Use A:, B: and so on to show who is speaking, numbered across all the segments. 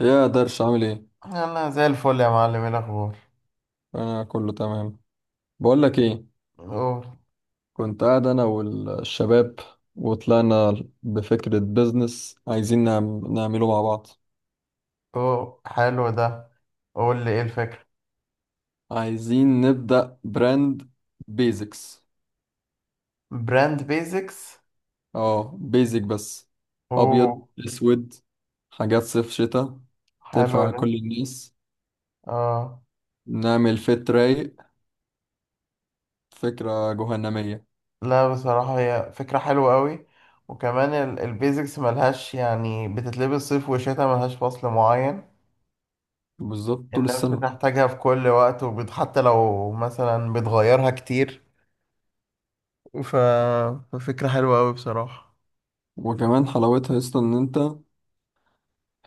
A: يا درش عامل ايه؟
B: انا زي الفل يا معلم، ايه الاخبار؟
A: انا كله تمام. بقول لك ايه،
B: أهو. اوه.
A: كنت قاعد انا والشباب وطلعنا بفكرة بيزنس عايزين نعمله مع بعض.
B: اوه، حلو ده. قول لي ايه الفكره.
A: عايزين نبدأ براند بيزكس.
B: براند بيزكس.
A: اه بيزك بس. ابيض
B: اوه،
A: اسود، حاجات صيف شتاء،
B: حلو
A: تنفع
B: ده.
A: كل الناس.
B: اه.
A: نعمل فت رايق، فكرة جهنمية.
B: لا بصراحه هي فكره حلوه قوي. وكمان البيزكس ملهاش، يعني بتتلبس صيف وشتاء، ملهاش فصل معين.
A: بالظبط طول
B: الناس
A: السنة.
B: بتحتاجها في كل وقت، حتى لو مثلا بتغيرها كتير. ف... ففكره حلوه قوي بصراحه.
A: وكمان حلاوتها اصلا ان انت،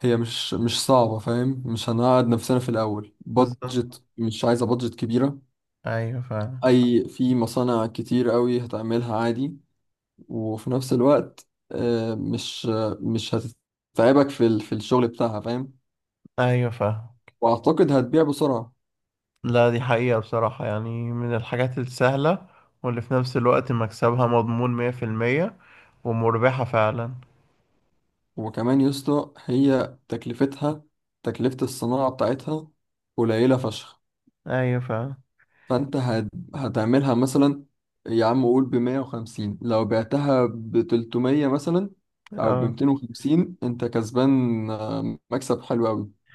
A: هي مش صعبة، فاهم؟ مش هنقعد نفسنا في الأول،
B: بالظبط.
A: بادجت مش عايزة بادجت كبيرة.
B: ايوه فاهم.
A: أي في مصانع كتير قوي هتعملها عادي، وفي نفس الوقت مش هتتعبك في الشغل بتاعها، فاهم؟
B: ايوه فاهم.
A: وأعتقد هتبيع بسرعة.
B: لا دي حقيقة بصراحة، يعني من الحاجات السهلة. واللي في نفس الوقت مكسبها مضمون 100%. ومربحة فعلا.
A: وكمان يسطا هي تكلفتها، تكلفة الصناعة بتاعتها قليلة فشخ.
B: أيوة فعلا.
A: فانت هت... هتعملها مثلا، يا عم قول ب 150، لو بعتها ب 300 مثلا او ب
B: اه.
A: 250 انت كسبان، مكسب حلو قوي.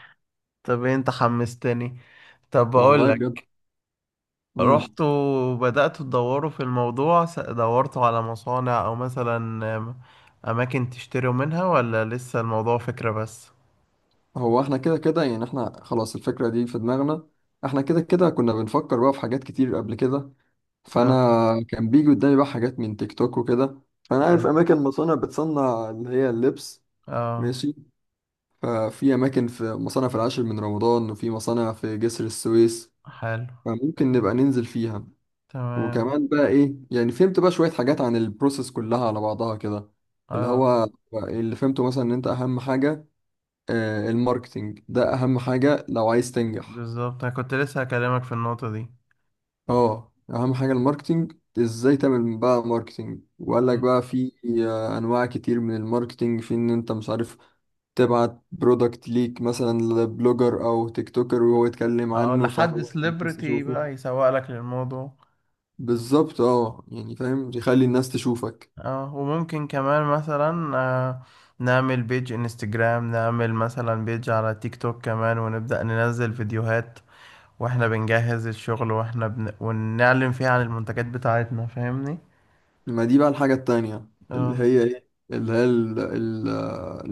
B: طب انت حمستني. طب
A: والله بجد.
B: بقولك،
A: امم
B: رحتوا وبدأتوا تدوروا في الموضوع، دورتوا على مصانع أو مثلا آم، أماكن تشتروا منها، ولا لسه الموضوع فكرة بس؟
A: هو احنا كده كده يعني، احنا خلاص الفكرة دي في دماغنا، احنا كده كده كنا بنفكر بقى في حاجات كتير قبل كده. فانا
B: اه،
A: كان بيجي قدامي بقى حاجات من تيك توك وكده، فانا
B: حلو.
A: عارف اماكن مصانع بتصنع اللي هي اللبس.
B: اه،
A: ماشي، ففي اماكن، في مصانع في العاشر من رمضان، وفي مصانع في جسر السويس،
B: حلو.
A: فممكن نبقى ننزل فيها.
B: تمام.
A: وكمان بقى ايه، يعني فهمت بقى شوية حاجات عن البروسيس كلها على بعضها كده. اللي
B: اه،
A: هو اللي فهمته مثلا ان انت اهم حاجة، الماركتينج ده اهم حاجة لو عايز تنجح.
B: بالظبط، أنا كنت لسه هكلمك في النقطة دي.
A: اه اهم حاجة الماركتينج. ازاي تعمل بقى ماركتينج؟ وقال لك
B: اه.
A: بقى في انواع كتير من الماركتينج، في ان انت مش عارف تبعت برودكت ليك مثلا لبلوجر او تيك توكر وهو يتكلم
B: اه،
A: عنه
B: لحد
A: فهو الناس
B: سليبرتي
A: تشوفه.
B: بقى يسوق لك للموضوع.
A: بالظبط اه يعني فاهم، يخلي الناس تشوفك.
B: اه، وممكن كمان مثلا نعمل بيج انستجرام، نعمل مثلا بيج على تيك توك كمان، ونبدأ ننزل فيديوهات واحنا بنجهز الشغل، ونعلن فيها عن المنتجات بتاعتنا، فاهمني.
A: ما دي بقى الحاجة التانية، اللي
B: اه.
A: هي ايه، اللي هي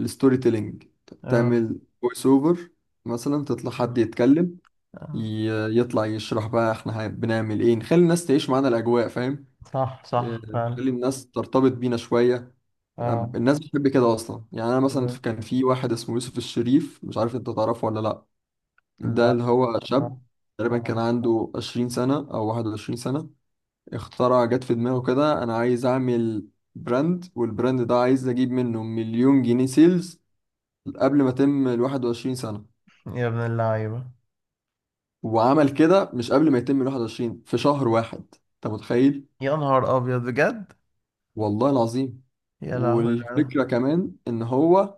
A: الستوري تيلينج.
B: اه.
A: تعمل فويس اوفر، مثلا تطلع حد
B: صح.
A: يتكلم،
B: آه.
A: يطلع يشرح بقى احنا بنعمل ايه، نخلي الناس تعيش معانا الاجواء، فاهم؟
B: صح
A: إيه،
B: صح فعلا.
A: نخلي الناس ترتبط بينا شوية. يعني
B: اه.
A: الناس بتحب كده اصلا، يعني انا مثلا
B: بالظبط.
A: كان في واحد اسمه يوسف الشريف، مش عارف انت تعرفه ولا لا. ده
B: لا.
A: اللي هو شاب
B: آه.
A: تقريبا كان
B: تمام.
A: عنده 20 سنة او 21 سنة، اخترع جت في دماغه كده انا عايز اعمل براند، والبراند ده عايز اجيب منه مليون جنيه سيلز قبل ما يتم ال 21 سنة.
B: يا ابن اللعيبة.
A: وعمل كده مش قبل ما يتم ال 21 في شهر واحد. انت متخيل؟
B: يا نهار أبيض بجد.
A: والله العظيم.
B: يا لهوي.
A: والفكرة كمان ان هو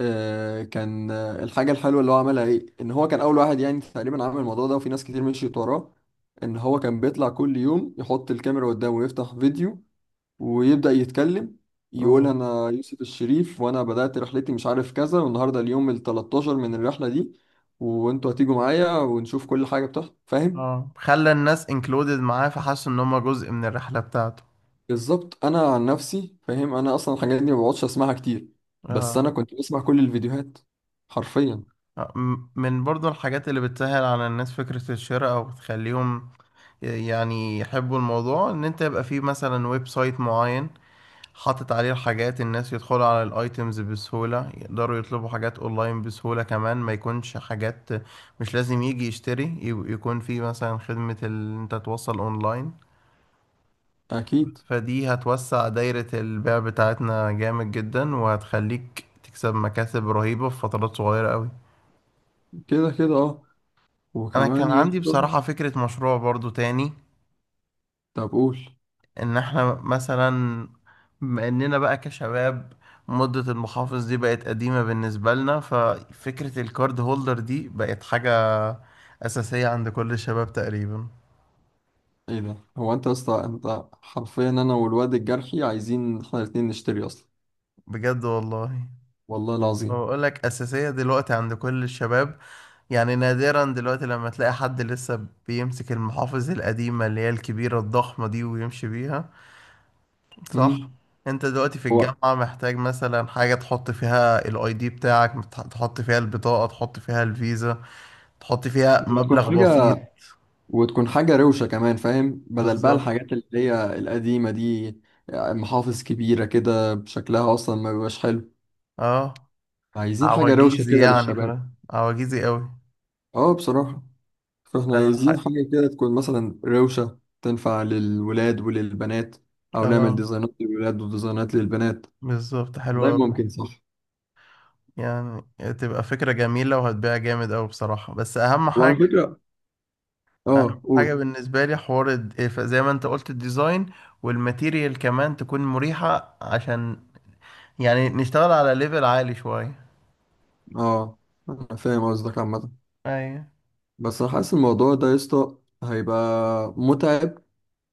A: آه كان آه، الحاجة الحلوة اللي هو عملها ايه، ان هو كان اول واحد يعني تقريبا عمل الموضوع ده وفي ناس كتير مشيت وراه. ان هو كان بيطلع كل يوم يحط الكاميرا قدامه ويفتح فيديو ويبدأ يتكلم،
B: لا.
A: يقول أنا يوسف الشريف وأنا بدأت رحلتي مش عارف كذا، والنهاردة اليوم ال 13 من الرحلة دي، وأنتوا هتيجوا معايا ونشوف كل حاجة بتحصل، فاهم؟
B: اه، خلى الناس انكلودد معاه، فحسوا ان هم جزء من الرحلة بتاعته.
A: بالظبط. أنا عن نفسي فاهم، أنا أصلا الحاجات دي ما بقعدش أسمعها كتير، بس أنا
B: اه.
A: كنت بسمع كل الفيديوهات حرفيا.
B: من برضو الحاجات اللي بتسهل على الناس فكرة الشراء، او بتخليهم يعني يحبوا الموضوع، ان انت يبقى فيه مثلا ويب سايت معين، حاطط عليه الحاجات، الناس يدخلوا على الايتمز بسهولة، يقدروا يطلبوا حاجات اونلاين بسهولة كمان، ما يكونش حاجات مش لازم يجي يشتري، يكون فيه مثلا خدمة انت توصل اونلاين.
A: أكيد.
B: فدي هتوسع دايرة البيع بتاعتنا جامد جدا، وهتخليك تكسب مكاسب رهيبة في فترات صغيرة قوي.
A: كده كده أه.
B: أنا كان
A: وكمان يا
B: عندي
A: اسطى،
B: بصراحة فكرة مشروع برضو تاني.
A: طب قول.
B: إن إحنا مثلا بما إننا بقى كشباب، مدة المحافظ دي بقت قديمة بالنسبة لنا، ففكرة الكارد هولدر دي بقت حاجة أساسية عند كل الشباب تقريبا.
A: إيه ده؟ هو أنت يا اسطى، أنت حرفيا أنا والواد الجرحي عايزين إحنا الاتنين نشتري أصلا.
B: بجد والله.
A: والله العظيم.
B: بقول لك أساسية دلوقتي عند كل الشباب. يعني نادرا دلوقتي لما تلاقي حد لسه بيمسك المحافظ القديمة اللي هي الكبيرة الضخمة دي ويمشي بيها. صح؟
A: امم
B: انت دلوقتي في الجامعة محتاج مثلا حاجة تحط فيها الاي دي بتاعك، تحط فيها البطاقة، تحط فيها الفيزا، تحط فيها
A: وتكون
B: مبلغ بسيط.
A: حاجة، وتكون حاجة روشة كمان، فاهم؟ بدل بقى
B: بالظبط.
A: الحاجات اللي هي القديمة دي، محافظ كبيرة كده بشكلها أصلا ما بيبقاش حلو.
B: اه.
A: عايزين حاجة روشة
B: عواجيزي
A: كده
B: يعني،
A: للشباب.
B: فاهم؟ عواجيزي قوي.
A: اه بصراحة. فاحنا عايزين
B: فالح-
A: حاجة كده تكون مثلا روشة، تنفع للولاد وللبنات، أو نعمل
B: اه،
A: ديزاينات للولاد وديزاينات للبنات.
B: بالظبط، حلوة.
A: والله ممكن صح.
B: يعني تبقى فكرة جميلة وهتبيع جامد أوي بصراحة، بس أهم
A: وعلى
B: حاجة.
A: فكرة،
B: أهم
A: اه
B: حاجة
A: قول.
B: بالنسبة لي حوار زي ما أنت قلت الديزاين والماتيريال، كمان تكون مريحة عشان يعني نشتغل على ليفل عالي شوية.
A: اه أنا فاهم قصدك عامة.
B: أيوة.
A: بس أنا حاسس الموضوع ده يا اسطى هيبقى متعب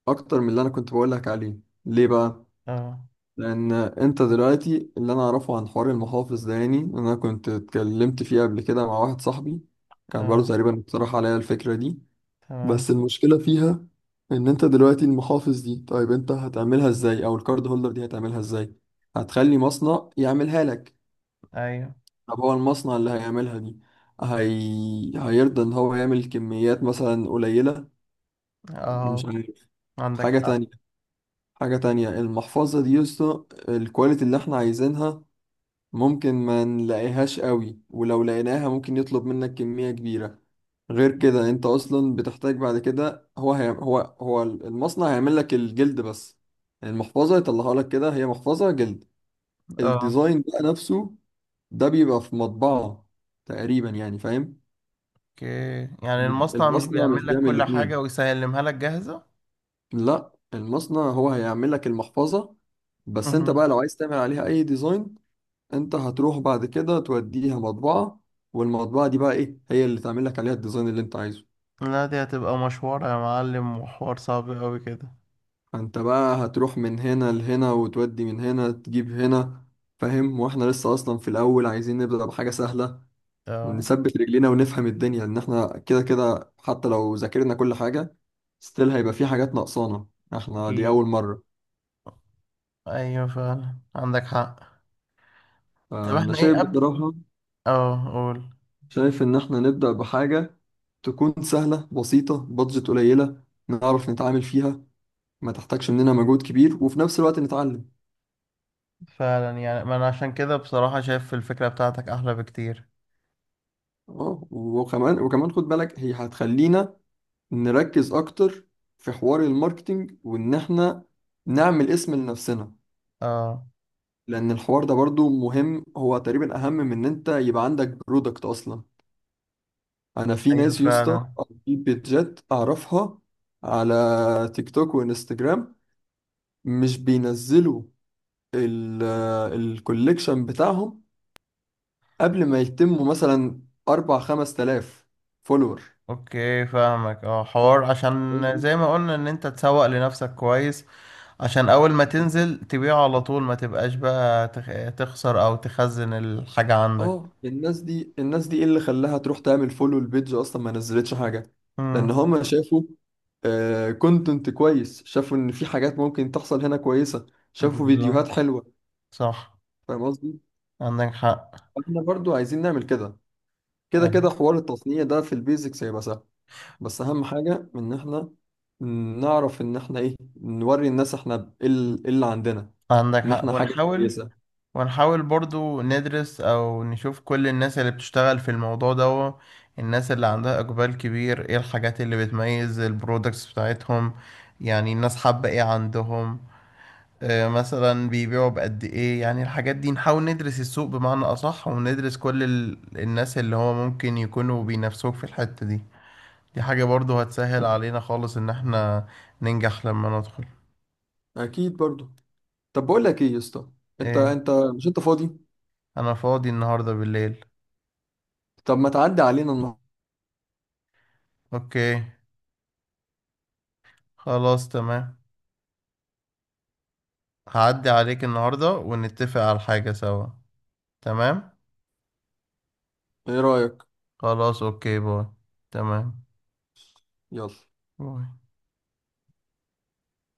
A: اكتر من اللي انا كنت بقولك عليه. ليه بقى؟
B: أه.
A: لان انت دلوقتي، اللي انا اعرفه عن حوار المحافظ ده، يعني إن انا كنت اتكلمت فيه قبل كده مع واحد صاحبي، كان برضه
B: أه.
A: تقريبا اقترح عليا الفكرة دي. بس
B: تمام.
A: المشكلة فيها ان انت دلوقتي المحافظ دي طيب انت هتعملها ازاي، او الكارد هولدر دي هتعملها ازاي؟ هتخلي مصنع يعملها لك.
B: أيوة.
A: طب هو المصنع اللي هيعملها دي هيرضى ان هو يعمل كميات مثلا قليلة؟ مش
B: أه،
A: عارف.
B: عندك
A: حاجة
B: حق.
A: تانية، حاجة تانية، المحفظة دي يا اسطى، الكواليتي اللي احنا عايزينها ممكن ما نلاقيهاش قوي، ولو لقيناها ممكن يطلب منك كمية كبيرة. غير كده انت اصلا بتحتاج بعد كده، هو هي هو هو المصنع هيعمل لك الجلد بس، المحفظة يطلعها لك كده، هي محفظة جلد.
B: أه،
A: الديزاين بقى نفسه ده بيبقى في مطبعة تقريبا، يعني فاهم؟
B: أوكي، يعني
A: يعني
B: المصنع مش
A: المصنع مش
B: بيعمل لك
A: بيعمل
B: كل حاجة
A: الاتنين،
B: ويسلمها لك جاهزة.
A: لا المصنع هو هيعمل لك المحفظة بس، انت بقى
B: مهم.
A: لو عايز تعمل عليها اي ديزاين انت هتروح بعد كده توديها مطبعة، والمطبعة دي بقى ايه هي اللي تعمل لك عليها الديزاين اللي انت عايزه.
B: لا دي هتبقى مشوار يا معلم، وحوار صعب أوي كده.
A: فانت بقى هتروح من هنا لهنا، وتودي من هنا تجيب هنا، فاهم؟ واحنا لسه اصلا في الاول عايزين نبدأ بحاجة سهلة،
B: أه.
A: نثبت رجلينا ونفهم الدنيا. ان احنا كده كده حتى لو ذاكرنا كل حاجة ستيل هيبقى في حاجات ناقصانا، احنا دي
B: أكيد.
A: اول مرة.
B: ايوه فعلا، عندك حق. طب
A: فانا
B: احنا ايه
A: شايف
B: قبل.
A: بصراحة،
B: اه قول.
A: شايف ان احنا نبدأ بحاجة تكون سهلة بسيطة، بادجت قليلة نعرف نتعامل فيها، ما تحتاجش مننا مجهود كبير، وفي نفس الوقت نتعلم.
B: فعلا، يعني ما انا عشان كده بصراحة شايف الفكرة بتاعتك احلى بكتير.
A: اه وكمان خد بالك هي هتخلينا نركز اكتر في حوار الماركتينج، وان احنا نعمل اسم لنفسنا.
B: اه.
A: لان الحوار ده برضو مهم، هو تقريبا اهم من ان انت يبقى عندك برودكت اصلا. انا في
B: ايوه
A: ناس يا اسطى،
B: فعلا.
A: أو في بيتجات اعرفها على تيك توك وانستجرام مش بينزلوا الكوليكشن بتاعهم قبل ما يتموا مثلا 4 5 آلاف فولور.
B: اوكي فاهمك، اه، حوار عشان
A: الناس دي
B: زي ما قلنا ان انت تسوق لنفسك كويس، عشان اول ما
A: الناس دي
B: تنزل تبيعه على طول، ما تبقاش بقى تخسر او تخزن الحاجة عندك.
A: اه الناس دي، ايه اللي خلاها تروح تعمل فولو البيج اصلا ما نزلتش حاجه؟ لان
B: امم.
A: هما شافوا كونتنت كويس، شافوا ان في حاجات ممكن تحصل هنا كويسه، شافوا
B: بالظبط.
A: فيديوهات حلوه.
B: صح.
A: فاهم قصدي؟
B: عندك حق.
A: احنا برضو عايزين نعمل كده. كده
B: أيوة.
A: كده حوار التصنيع ده في البيزكس هيبقى سهل، بس اهم حاجه ان احنا نعرف ان احنا ايه، نوري الناس احنا ايه إيه اللي عندنا،
B: عندك
A: ان
B: حق
A: احنا حاجه
B: ونحاول،
A: كويسه.
B: برضو ندرس او نشوف كل الناس اللي بتشتغل في الموضوع ده، الناس اللي عندها اقبال كبير، ايه الحاجات اللي بتميز البرودكتس بتاعتهم، يعني الناس حابة ايه عندهم. مثلا بيبيعوا بقد ايه، يعني الحاجات دي نحاول ندرس السوق بمعنى اصح، وندرس كل الناس اللي هو ممكن يكونوا بينافسوك في الحتة دي. دي حاجة برضو هتسهل علينا خالص ان احنا ننجح لما ندخل.
A: اكيد برضو. طب بقول لك ايه يا اسطى، انت
B: ايه.
A: انت مش انت فاضي؟
B: انا فاضي النهاردة بالليل.
A: طب ما تعدي علينا النهارده،
B: اوكي، خلاص تمام. هعدي عليك النهاردة ونتفق على حاجة سوا. تمام.
A: ايه رأيك؟
B: خلاص، اوكي، باي. تمام.
A: يلا.
B: باي.